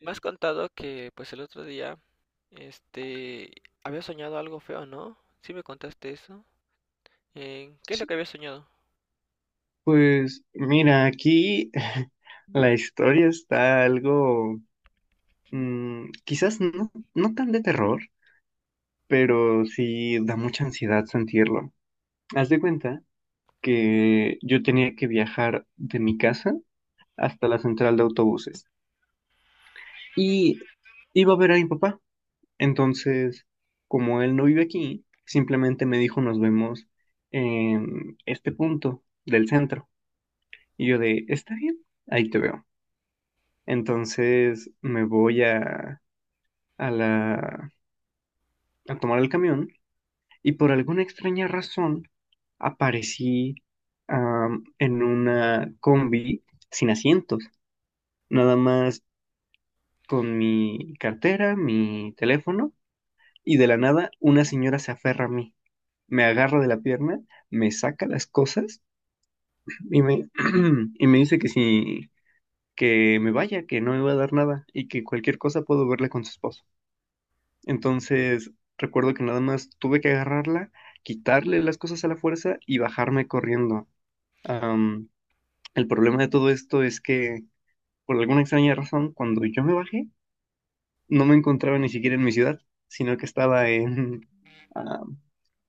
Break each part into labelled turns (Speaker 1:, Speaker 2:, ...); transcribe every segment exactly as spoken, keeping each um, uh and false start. Speaker 1: Me has contado que pues el otro día, este, había soñado algo feo, ¿no? Sí me contaste eso. Eh, ¿qué es lo
Speaker 2: Sí.
Speaker 1: que había soñado?
Speaker 2: Pues mira, aquí la historia está algo, mm, quizás no, no tan de terror, pero sí da mucha ansiedad sentirlo. Haz de cuenta que yo tenía que viajar de mi casa hasta la central de autobuses y iba a ver a mi papá. Entonces, como él no vive aquí, simplemente me dijo nos vemos en este punto del centro. Y yo de, está bien, ahí te veo. Entonces me voy a, a la, a tomar el camión y por alguna extraña razón aparecí am, en una combi sin asientos, nada más con mi cartera, mi teléfono y de la nada una señora se aferra a mí, me agarra de la pierna, me saca las cosas y me, y me dice que si, que me vaya, que no me va a dar nada y que cualquier cosa puedo verla con su esposo. Entonces, recuerdo que nada más tuve que agarrarla, quitarle las cosas a la fuerza y bajarme corriendo. Am, el problema de todo esto es que, por alguna extraña razón, cuando yo me bajé, no me encontraba ni siquiera en mi ciudad, sino que estaba en am,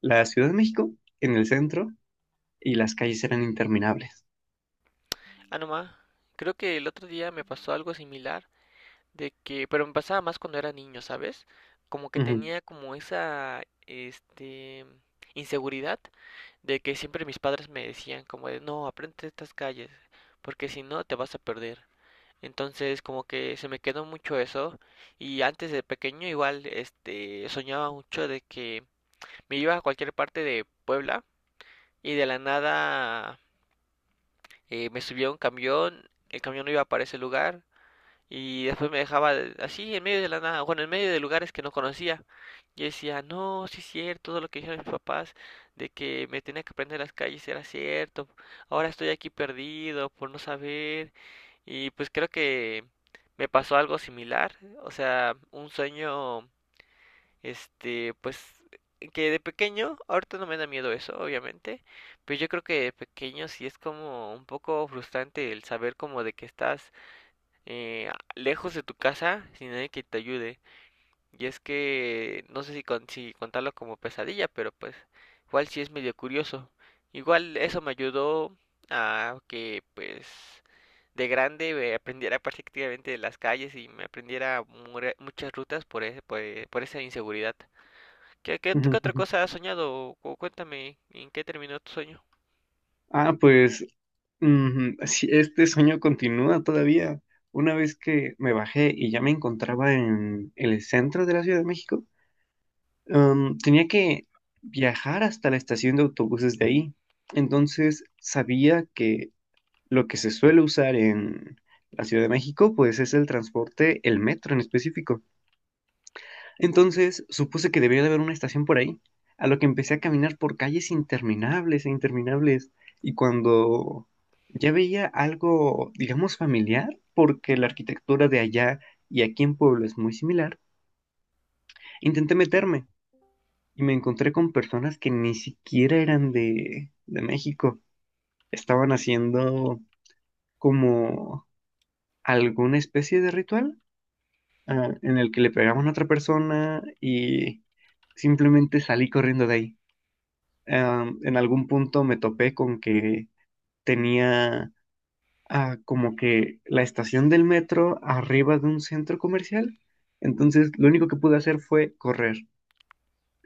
Speaker 2: la Ciudad de México, en el centro, y las calles eran interminables.
Speaker 1: Ah, no ma, creo que el otro día me pasó algo similar de que, pero me pasaba más cuando era niño, ¿sabes? Como que
Speaker 2: Ujú,
Speaker 1: tenía como esa, este, inseguridad de que siempre mis padres me decían como de, no, aprende estas calles, porque si no te vas a perder. Entonces, como que se me quedó mucho eso. Y antes de pequeño, igual, este, soñaba mucho de que me iba a cualquier parte de Puebla y de la nada eh, me subía a un camión, el camión no iba para ese lugar y después me dejaba así en medio de la nada, bueno, en medio de lugares que no conocía. Y decía, no, sí es cierto, todo lo que dijeron mis papás de que me tenía que aprender las calles era cierto. Ahora estoy aquí perdido por no saber. Y pues creo que me pasó algo similar, o sea, un sueño, este, pues que de pequeño, ahorita no me da miedo eso, obviamente, pero yo creo que de pequeño sí es como un poco frustrante el saber como de que estás eh, lejos de tu casa sin nadie que te ayude. Y es que no sé si, con- si contarlo como pesadilla, pero pues igual sí es medio curioso. Igual eso me ayudó a que pues de grande eh, aprendiera prácticamente de las calles y me aprendiera mure- muchas rutas por ese, por, por esa inseguridad. ¿Qué, qué,
Speaker 2: ujú,
Speaker 1: qué otra
Speaker 2: ujú.
Speaker 1: cosa has soñado? O cuéntame, ¿en qué terminó tu sueño?
Speaker 2: Ah, pues Mm, sí, este sueño continúa todavía. Una vez que me bajé y ya me encontraba en el centro de la Ciudad de México, em, tenía que viajar hasta la estación de autobuses de ahí. Entonces sabía que lo que se suele usar en la Ciudad de México, pues es el transporte, el metro en específico. Entonces supuse que debía de haber una estación por ahí, a lo que empecé a caminar por calles interminables e interminables. Y cuando ya veía algo, digamos, familiar, porque la arquitectura de allá y aquí en Pueblo es muy similar, intenté meterme y me encontré con personas que ni siquiera eran de, de México. Estaban haciendo como alguna especie de ritual, ah, en el que le pegaban a otra persona y simplemente salí corriendo de ahí. Am, en algún punto me topé con que tenía ah, como que la estación del metro arriba de un centro comercial. Entonces, lo único que pude hacer fue correr.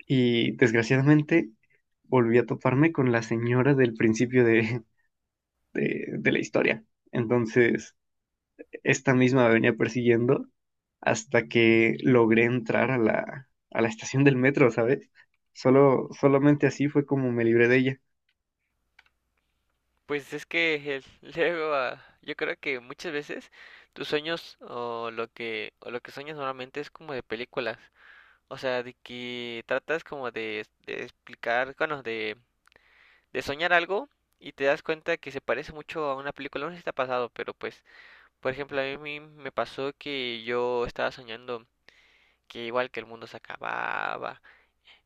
Speaker 2: Y desgraciadamente volví a toparme con la señora del principio de, de, de la historia. Entonces, esta misma me venía persiguiendo hasta que logré entrar a la, a la estación del metro, ¿sabes? Solo, solamente así fue como me libré de ella.
Speaker 1: Pues es que el- luego, ah, yo creo que muchas veces tus sueños o lo que o lo que sueñas normalmente es como de películas, o sea, de que tratas como de, de explicar, bueno, de, de soñar algo y te das cuenta que se parece mucho a una película, no sé si te ha pasado, pero pues, por ejemplo, a mí me pasó que yo estaba soñando que igual que el mundo se acababa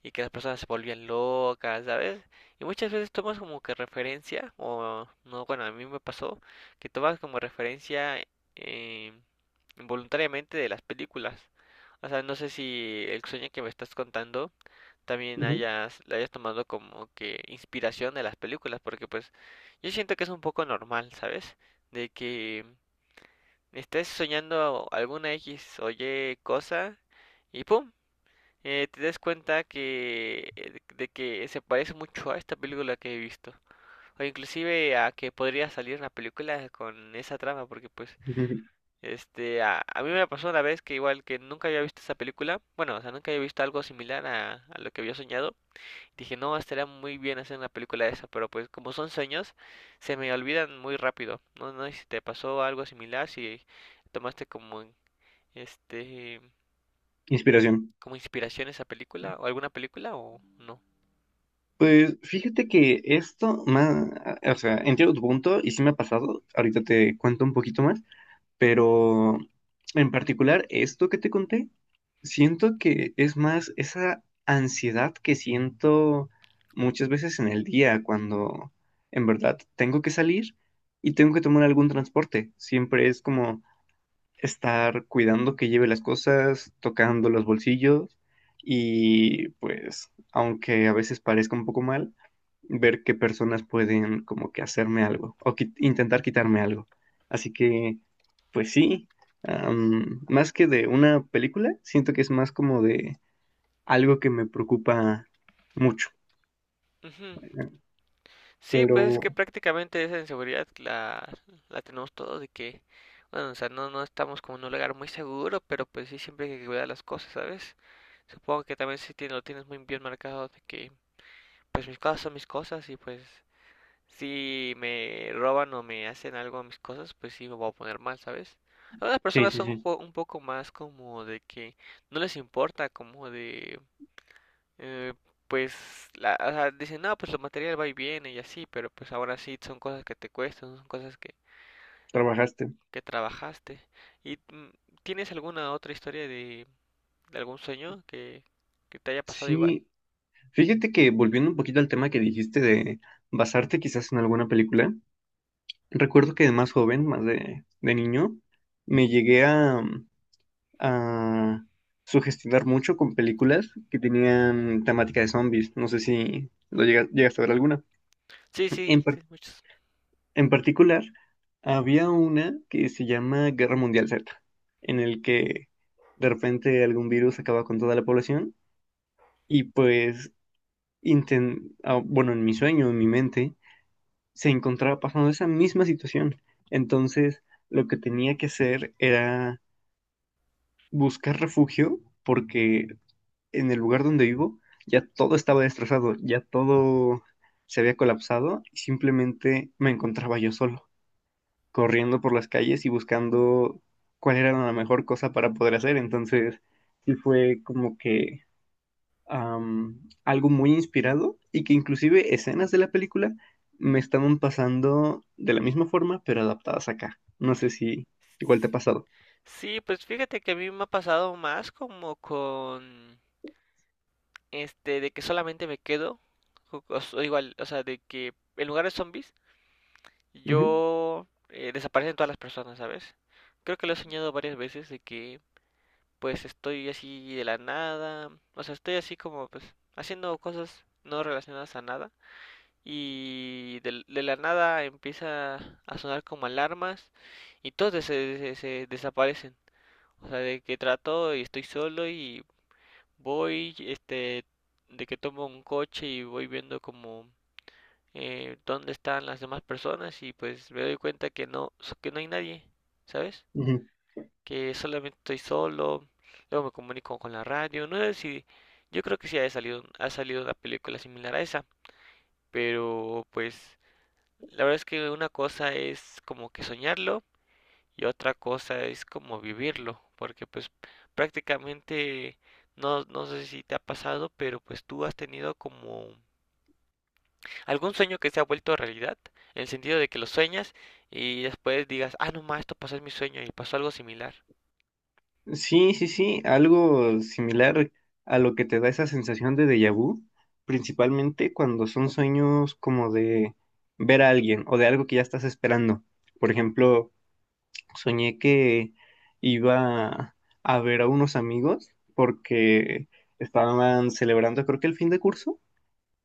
Speaker 1: y que las personas se volvían locas, ¿sabes? Y muchas veces tomas como que referencia, o no, bueno, a mí me pasó que tomas como referencia eh, involuntariamente de las películas. O sea, no sé si el sueño que me estás contando también
Speaker 2: Ujú.
Speaker 1: hayas, la hayas tomado como que inspiración de las películas, porque pues yo siento que es un poco normal, ¿sabes? De que estés soñando alguna X o Y cosa y ¡pum! eh, te das cuenta que eh, de que se parece mucho a esta película que he visto o inclusive a que podría salir una película con esa trama porque pues este a, a mí me pasó una vez que igual que nunca había visto esa película, bueno, o sea, nunca había visto algo similar a, a lo que había soñado. Dije, no estaría muy bien hacer una película de esa, pero pues como son sueños se me olvidan muy rápido. No no sé si te pasó algo similar, si tomaste como este
Speaker 2: Inspiración.
Speaker 1: como inspiración esa película o alguna película o no.
Speaker 2: Pues fíjate que esto, más, o sea, entiendo tu punto y sí me ha pasado, ahorita te cuento un poquito más, pero en particular esto que te conté, siento que es más esa ansiedad que siento muchas veces en el día cuando en verdad tengo que salir y tengo que tomar algún transporte. Siempre es como estar cuidando que lleve las cosas, tocando los bolsillos y pues, aunque a veces parezca un poco mal ver qué personas pueden como que hacerme algo o qui- intentar quitarme algo. Así que, pues sí, am, más que de una película, siento que es más como de algo que me preocupa mucho.
Speaker 1: Ujú.
Speaker 2: eh,
Speaker 1: Sí, pues es
Speaker 2: Pero
Speaker 1: que prácticamente esa inseguridad la, la tenemos todos de que, bueno, o sea, no, no estamos como en un lugar muy seguro, pero pues sí, siempre hay que cuidar las cosas, ¿sabes? Supongo que también sí tiene- lo tienes muy bien marcado de que, pues mis cosas son mis cosas y pues si me roban o me hacen algo a mis cosas, pues sí me voy a poner mal, ¿sabes? Algunas
Speaker 2: sí,
Speaker 1: personas
Speaker 2: sí,
Speaker 1: son un
Speaker 2: sí,
Speaker 1: po- un poco más como de que no les importa, como de, eh, pues la, o sea, dicen, no, pues lo material va y viene y así, pero pues ahora sí son cosas que te cuestan, son cosas que,
Speaker 2: trabajaste.
Speaker 1: que trabajaste. ¿Y mm, tienes alguna otra historia de, de algún sueño que, que te haya pasado igual?
Speaker 2: Sí, fíjate que volviendo un poquito al tema que dijiste de basarte quizás en alguna película, recuerdo que de más joven, más de, de niño, me llegué a a sugestionar mucho con películas que tenían temática de zombies. No sé si lo llega- llegaste a ver alguna.
Speaker 1: Sí, sí,
Speaker 2: En, par-
Speaker 1: sí, muchos.
Speaker 2: en particular, había una que se llama Guerra Mundial Z, en el que de repente algún virus acaba con toda la población y pues, inten- ah, bueno, en mi sueño, en mi mente, se encontraba pasando esa misma situación. Entonces, lo que tenía que hacer era buscar refugio porque en el lugar donde vivo ya todo estaba destrozado, ya todo se había colapsado y simplemente me encontraba yo solo, corriendo por las calles y buscando cuál era la mejor cosa para poder hacer. Entonces, sí fue como que am, algo muy inspirado y que inclusive escenas de la película me estaban pasando de la misma forma, pero adaptadas acá. No sé si igual te ha pasado.
Speaker 1: Sí, pues fíjate que a mí me ha pasado más como con este de que solamente me quedo, o, o- o igual, o sea, de que en lugar de zombies
Speaker 2: Ujú,
Speaker 1: yo eh, desaparecen todas las personas, ¿sabes? Creo que lo he soñado varias veces de que pues estoy así de la nada, o sea, estoy así como pues haciendo cosas no relacionadas a nada y del- de, la nada empieza a sonar como alarmas y todos des- se, se desaparecen. O sea, de que trato y estoy solo y voy, este, de que tomo un coche y voy viendo como eh, dónde están las demás personas y pues me doy cuenta que no, que no hay nadie, ¿sabes?
Speaker 2: ujú.
Speaker 1: Que solamente estoy solo, luego me comunico con la radio, no sé si, yo creo que sí ha salido, ha salido una película similar a esa, pero pues la verdad es que una cosa es como que soñarlo y otra cosa es como vivirlo, porque pues prácticamente no, no sé si te ha pasado, pero pues tú has tenido como, ¿algún sueño que se ha vuelto realidad? En el sentido de que lo sueñas y después digas, ah, no, más, esto pasó en mi sueño y pasó algo similar.
Speaker 2: Sí, sí, sí, algo similar a lo que te da esa sensación de déjà vu, principalmente cuando son sueños como de ver a alguien o de algo que ya estás esperando. Por ejemplo, soñé que iba a ver a unos amigos porque estaban celebrando creo que el fin de curso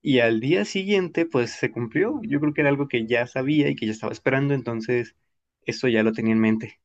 Speaker 2: y al día siguiente pues se cumplió. Yo creo que era algo que ya sabía y que ya estaba esperando, entonces eso ya lo tenía en mente.